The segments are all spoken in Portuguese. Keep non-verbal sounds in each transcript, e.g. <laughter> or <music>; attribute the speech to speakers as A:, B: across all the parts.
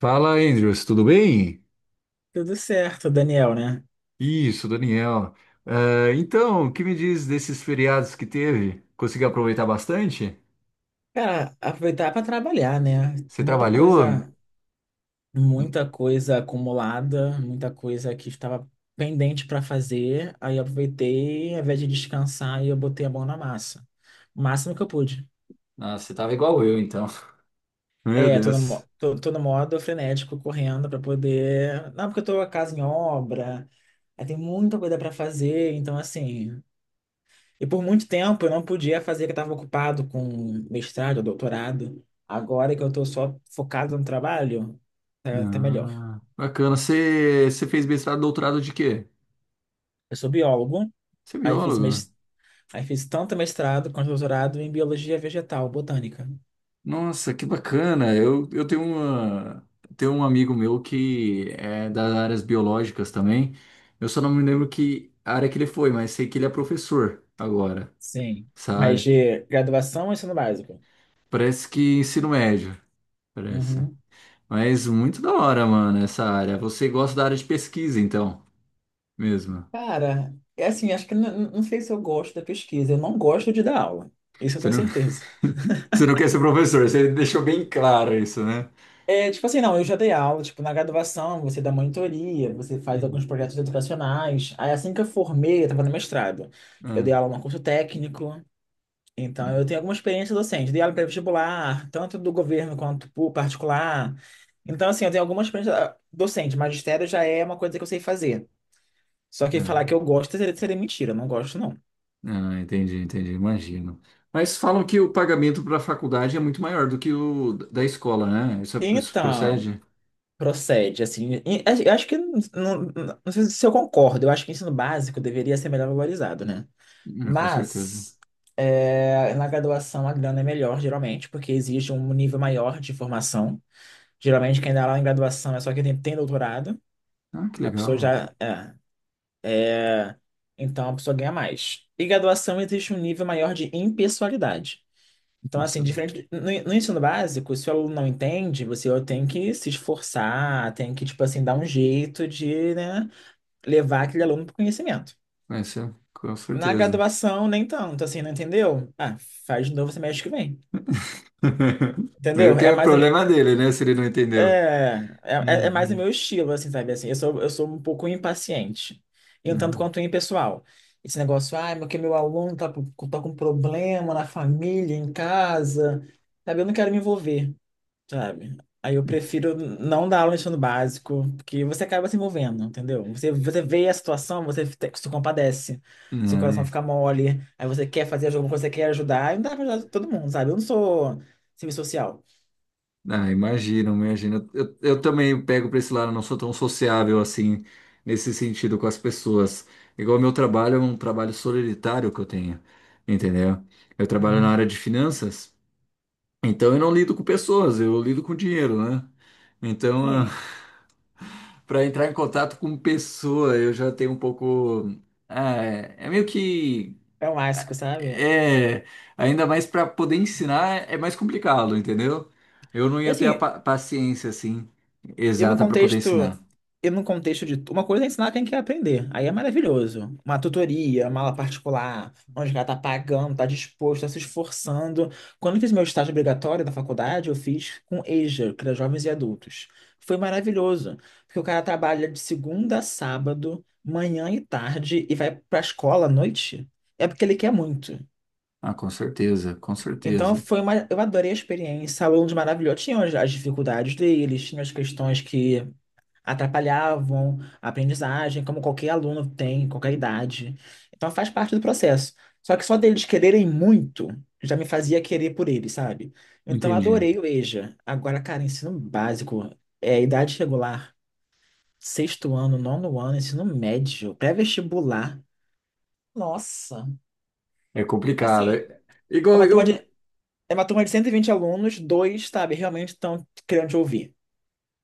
A: Fala, Andrews, tudo bem?
B: Tudo certo, Daniel, né?
A: Isso, Daniel. Então, o que me diz desses feriados que teve? Conseguiu aproveitar bastante?
B: Cara, aproveitar para trabalhar, né?
A: Você trabalhou?
B: Muita coisa acumulada, muita coisa que estava pendente para fazer. Aí eu aproveitei, ao invés de descansar, eu botei a mão na massa. O máximo que eu pude.
A: Ah, você tava igual eu, então. <laughs> Meu
B: É, tô no,
A: Deus.
B: mo- tô, tô no modo frenético, correndo para poder. Não, porque eu tô a casa em obra, aí tem muita coisa para fazer, então assim. E por muito tempo eu não podia fazer, que eu estava ocupado com mestrado, doutorado. Agora que eu estou só focado no trabalho, tá melhor.
A: Ah, bacana. Você fez mestrado, doutorado de quê?
B: Eu sou biólogo,
A: Você é
B: aí fiz,
A: biólogo?
B: mes- aí fiz tanto mestrado quanto doutorado em biologia vegetal, botânica.
A: Nossa, que bacana. Eu tenho tenho um amigo meu que é das áreas biológicas também. Eu só não me lembro que área que ele foi, mas sei que ele é professor agora,
B: Sim. Mas
A: sabe?
B: de graduação é ensino básico.
A: Parece que ensino médio, parece.
B: Uhum.
A: Mas muito da hora, mano, essa área. Você gosta da área de pesquisa, então, mesmo.
B: Cara, é assim, acho que não sei se eu gosto da pesquisa. Eu não gosto de dar aula. Isso eu
A: Você
B: tenho
A: não, <laughs>
B: certeza.
A: Você não quer ser professor, você deixou bem claro isso, né?
B: É, tipo assim, não, eu já dei aula, tipo, na graduação, você dá monitoria, você faz alguns
A: Uhum.
B: projetos educacionais. Aí assim que eu formei, eu tava no mestrado. Eu
A: Ah,
B: dei aula num curso técnico, então
A: hum,
B: eu tenho alguma experiência docente. Dei aula para vestibular, tanto do governo quanto particular. Então, assim, eu tenho alguma experiência docente. Magistério já é uma coisa que eu sei fazer. Só que falar que
A: ah,
B: eu gosto seria mentira, eu não gosto, não.
A: entendi, entendi, imagino. Mas falam que o pagamento para a faculdade é muito maior do que o da escola, né? Isso, é, isso
B: Então,
A: procede?
B: procede, assim, eu acho que, não, não, não sei se eu concordo, eu acho que o ensino básico deveria ser melhor valorizado, né?
A: Com certeza.
B: Mas é, na graduação a grana é melhor, geralmente, porque exige um nível maior de formação. Geralmente, quem dá lá em graduação é só quem tem doutorado,
A: Ah, que
B: a pessoa
A: legal.
B: já. É. Então, a pessoa ganha mais. E graduação existe um nível maior de impessoalidade. Então, assim,
A: Isso,
B: diferente. No ensino básico, se o aluno não entende, você tem que se esforçar, tem que, tipo assim, dar um jeito de, né, levar aquele aluno para o conhecimento.
A: isso é, com
B: Na
A: certeza.
B: graduação, nem tanto, assim, não entendeu? Faz de novo semestre que vem.
A: <laughs> Meio
B: Entendeu?
A: que
B: É
A: é
B: mais, é,
A: problema dele, né? Se ele não entendeu.
B: é, é é mais o
A: Uhum.
B: meu estilo, assim, sabe? Assim, eu sou um pouco impaciente. E um tanto
A: Não,
B: quanto impessoal. Esse negócio, meu, que meu aluno tá com problema na família, em casa, sabe? Eu não quero me envolver, sabe? Aí eu prefiro não dar aula no ensino básico, porque você acaba se envolvendo, entendeu? Você vê a situação, você se compadece, seu
A: não,
B: coração fica mole, aí você quer fazer alguma coisa, você quer ajudar, e não dá pra ajudar todo mundo, sabe? Eu não sou serviço social.
A: imagino, imagino. Eu também pego para esse lado, não sou tão sociável assim, nesse sentido, com as pessoas. Igual meu trabalho é um trabalho solitário que eu tenho, entendeu? Eu trabalho na área de finanças, então eu não lido com pessoas, eu lido com dinheiro, né? Então,
B: Sim,
A: para <laughs> entrar em contato com pessoa, eu já tenho um pouco. É meio que
B: é um clássico, sabe?
A: é, ainda mais para poder ensinar é mais complicado, entendeu? Eu não
B: E
A: ia ter a
B: assim,
A: pa- paciência assim
B: e no
A: exata para poder ensinar.
B: contexto, e no contexto de uma coisa é ensinar quem quer aprender. Aí é maravilhoso. Uma tutoria, uma aula particular, onde o cara tá pagando, tá disposto, tá se esforçando. Quando eu fiz meu estágio obrigatório da faculdade, eu fiz com EJA, que era jovens e adultos. Foi maravilhoso, porque o cara trabalha de segunda a sábado, manhã e tarde, e vai pra escola à noite. É porque ele quer muito.
A: Ah, com certeza, com
B: Então
A: certeza.
B: foi uma, eu adorei a experiência, alunos maravilhosos, tinham as dificuldades deles, tinham as questões que atrapalhavam a aprendizagem, como qualquer aluno tem, em qualquer idade. Então faz parte do processo. Só que só deles quererem muito já me fazia querer por eles, sabe? Então
A: Entendi.
B: adorei o EJA. Agora, cara, ensino básico, é idade regular, sexto ano, nono ano, ensino médio, pré-vestibular. Nossa,
A: É complicado.
B: assim, é
A: Igual
B: uma
A: eu.
B: turma de É uma turma de 120 alunos, dois, sabe, realmente estão querendo te ouvir.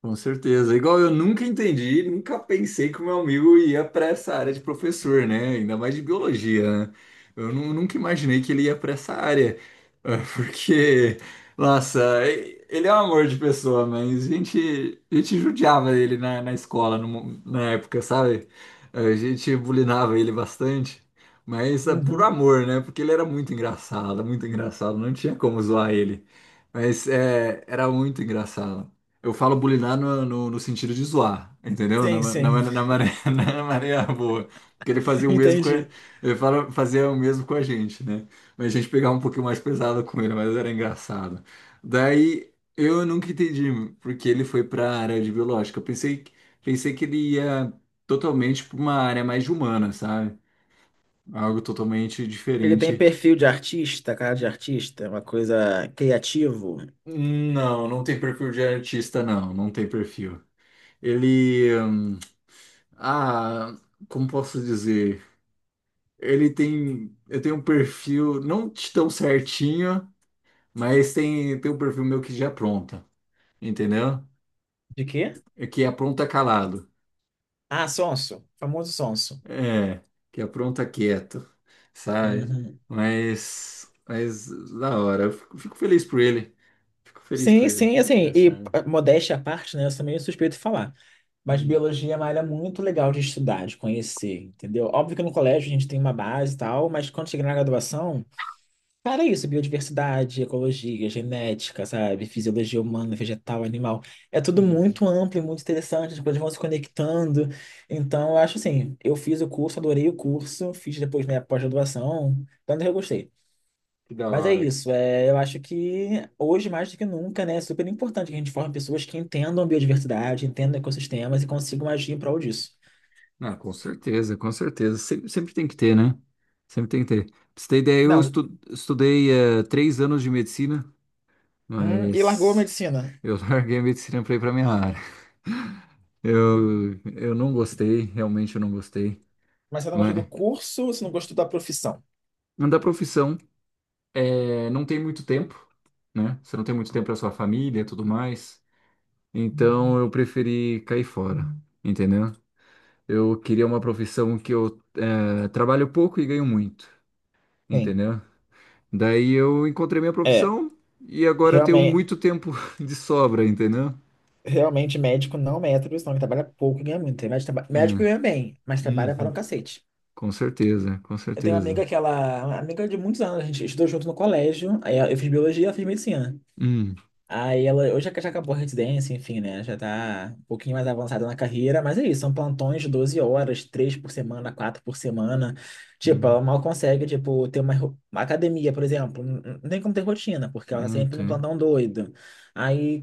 A: Com certeza. Igual eu nunca entendi, nunca pensei que o meu amigo ia para essa área de professor, né? Ainda mais de biologia, né? Eu nunca imaginei que ele ia para essa área, <laughs> porque, nossa, ele é um amor de pessoa, mas a gente judiava ele na escola, no mo- na época, sabe? A gente bulinava ele bastante, mas por
B: Uhum.
A: amor, né? Porque ele era muito engraçado, não tinha como zoar ele. Mas era muito engraçado. Eu falo bulinar no sentido de zoar, entendeu? Na,
B: Sim,
A: ma- na,
B: sim,
A: ma- na, maré, <laughs> Na maré boa. Porque ele
B: <laughs>
A: fazia o mesmo com a,
B: entendi.
A: ele fala, fazia o mesmo com a gente, né? Mas a gente pegava um pouquinho mais pesado com ele, mas era engraçado. Daí eu nunca entendi porque ele foi para a área de biológica. Eu pensei que ele ia totalmente para uma área mais de humana, sabe? Algo totalmente
B: Ele tem
A: diferente.
B: perfil de artista, cara de artista, uma coisa criativo.
A: Não, não tem perfil de artista, não. Não tem perfil. Ele. Ah, como posso dizer? Eu tenho um perfil não de tão certinho, mas tem um perfil meu que já apronta, entendeu?
B: De quê?
A: É que apronta calado,
B: Ah, sonso, famoso sonso.
A: é, que apronta quieto, sabe?
B: Uhum.
A: Mas da hora, eu fico feliz por ele, fico feliz
B: Sim,
A: por ele,
B: sim, assim,
A: é
B: e
A: sério.
B: modéstia à parte, né? Eu sou meio suspeito de falar. Mas
A: Hum,
B: biologia é uma área muito legal de estudar, de conhecer, entendeu? Óbvio que no colégio a gente tem uma base e tal, mas quando chega na graduação. Cara, é isso, biodiversidade, ecologia, genética, sabe? Fisiologia humana, vegetal, animal. É tudo
A: hum, hum.
B: muito amplo e muito interessante, as coisas vão se conectando. Então, eu acho assim, eu fiz o curso, adorei o curso, fiz depois minha pós-graduação, tanto que eu gostei.
A: Que da
B: Mas é
A: hora.
B: isso, é, eu acho que hoje, mais do que nunca, né, é super importante que a gente forme pessoas que entendam biodiversidade, entendam ecossistemas e consigam agir em prol disso.
A: Ah, com certeza, com certeza. Sempre, sempre tem que ter, né? Sempre tem que ter. Pra você ter ideia, eu
B: Não,
A: estudei 3 anos de medicina,
B: e largou a
A: mas
B: medicina.
A: eu <laughs> larguei a medicina pra ir pra minha área. Eu não gostei, realmente eu não gostei.
B: Mas você não gostou
A: Mas
B: do curso, você não gostou da profissão?
A: mas da profissão, não tem muito tempo, né? Você não tem muito tempo pra sua família e tudo mais. Então eu preferi cair fora, entendeu? Eu queria uma profissão que eu trabalho pouco e ganho muito,
B: Sim.
A: entendeu? Daí eu encontrei minha
B: É,
A: profissão e agora eu tenho
B: realmente.
A: muito tempo <laughs> de sobra, entendeu?
B: Realmente, médico não é profissão que trabalha pouco e ganha muito. Tem Médico, traba-
A: É.
B: médico ganha bem, mas trabalha para um
A: Uhum.
B: cacete.
A: Com certeza, com
B: Eu tenho uma
A: certeza.
B: amiga que ela, uma amiga de muitos anos, a gente estudou junto no colégio. Aí eu fiz biologia, ela fez medicina.
A: Hum,
B: Aí ela hoje já já acabou a residência, enfim, né? Já tá um pouquinho mais avançada na carreira, mas é isso, são plantões de 12 horas, três por semana, quatro por semana. Tipo,
A: hum.
B: ela mal consegue, tipo, ter uma academia, por exemplo. Não tem como ter rotina, porque ela tá
A: Não
B: sempre no
A: tem.
B: plantão doido. Aí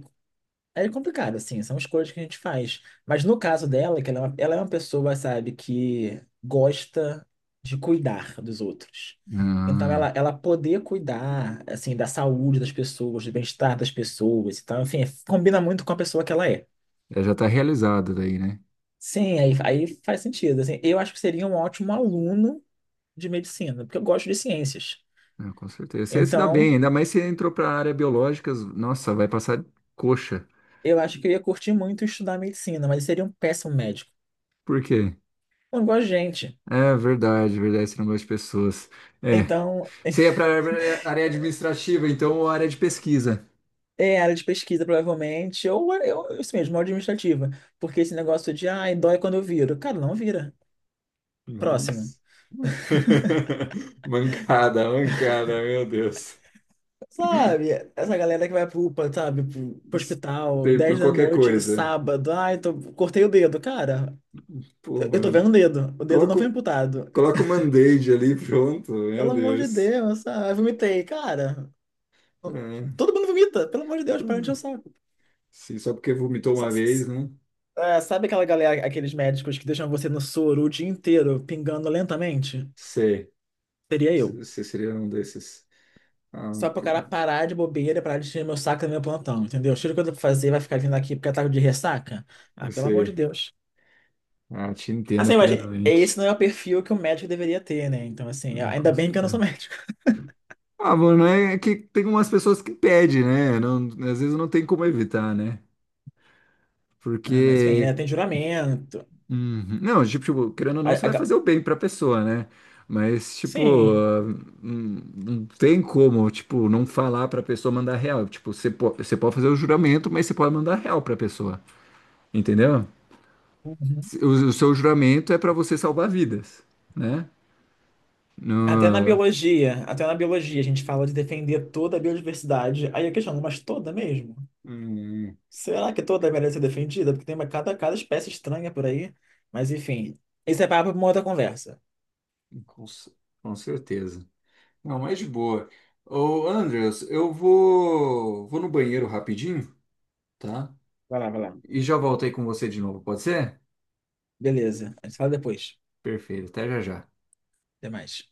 B: é complicado, assim, são escolhas que a gente faz. Mas no caso dela, que ela é uma, pessoa, sabe, que gosta de cuidar dos outros. Então,
A: Ah,
B: ela poder cuidar, assim, da saúde das pessoas, do bem-estar das pessoas então, enfim, combina muito com a pessoa que ela é.
A: é, já está realizado daí, né?
B: Sim, aí faz sentido, assim. Eu acho que seria um ótimo aluno de medicina, porque eu gosto de ciências.
A: É, com certeza. Você se dá bem,
B: Então,
A: ainda mais se entrou para a área biológicas, nossa, vai passar coxa.
B: eu acho que eu ia curtir muito estudar medicina, mas seria um péssimo médico.
A: Por quê?
B: Eu não gosto de gente.
A: É verdade, verdade, você não gosta de pessoas. É.
B: Então,
A: Você ia para a área administrativa, então, ou área de pesquisa.
B: é área de pesquisa, provavelmente, ou é, eu, isso mesmo, administrativa. Porque esse negócio de, ai, dói quando eu viro. Cara, não vira.
A: É
B: Próximo.
A: isso. <laughs> Mancada, mancada, meu Deus.
B: Sabe? Essa galera que vai pro UPA, sabe? Pro hospital,
A: Sei por
B: 10 da
A: qualquer
B: noite do
A: coisa.
B: sábado. Ai, cortei o dedo. Cara,
A: Pô,
B: eu tô
A: mano.
B: vendo o dedo. O dedo não foi
A: Coloca,
B: amputado.
A: coloca o band-aid ali, pronto, meu
B: Pelo amor de
A: Deus.
B: Deus, sabe? Eu vomitei. Cara,
A: É.
B: todo mundo vomita. Pelo amor de Deus, para de encher o saco.
A: Sim, só porque vomitou
B: Sa-
A: uma
B: sa-
A: vez,
B: sa-
A: né?
B: Sabe aquela galera, aqueles médicos que deixam você no soro o dia inteiro, pingando lentamente?
A: Sei.
B: Seria eu.
A: Você seria um desses. Ah,
B: Só pro cara
A: pronto.
B: parar de bobeira, parar de tirar meu saco do meu plantão, entendeu? Cheiro que eu tô pra fazer, vai ficar vindo aqui porque eu tava de ressaca? Ah,
A: Não
B: pelo amor de
A: sei.
B: Deus.
A: Ah, te entendo
B: Assim, mas
A: plenamente.
B: esse não é o perfil que o médico deveria ter, né? Então, assim,
A: Não
B: ainda bem que eu
A: consigo.
B: não sou <laughs> médico.
A: Ah, mano, é que tem umas pessoas que pedem, né? Às vezes não tem como evitar, né?
B: Ah, mas, enfim, né?
A: Porque.
B: Tem juramento.
A: Uhum. Não, tipo, querendo ou não,
B: A-
A: você
B: a
A: vai
B: ga-
A: fazer o bem pra pessoa, né? Mas, tipo,
B: Sim.
A: ah, não tem como, tipo, não falar pra pessoa mandar real. Tipo, você pode fazer o juramento, mas você pode mandar real pra pessoa, entendeu?
B: Uhum.
A: O seu juramento é pra você salvar vidas, né?
B: Até na
A: No...
B: biologia, até na biologia, a gente fala de defender toda a biodiversidade. Aí eu questiono, mas toda mesmo?
A: Hum,
B: Será que toda merece ser defendida? Porque tem cada espécie estranha por aí. Mas enfim, esse é papo para uma outra conversa.
A: com, ce- com certeza. Não, mas de boa. Ô, Andreas, eu vou no banheiro rapidinho, tá?
B: Vai lá, vai lá.
A: E já volto aí com você de novo, pode ser?
B: Beleza, a gente fala depois.
A: Perfeito, até já já.
B: Até mais.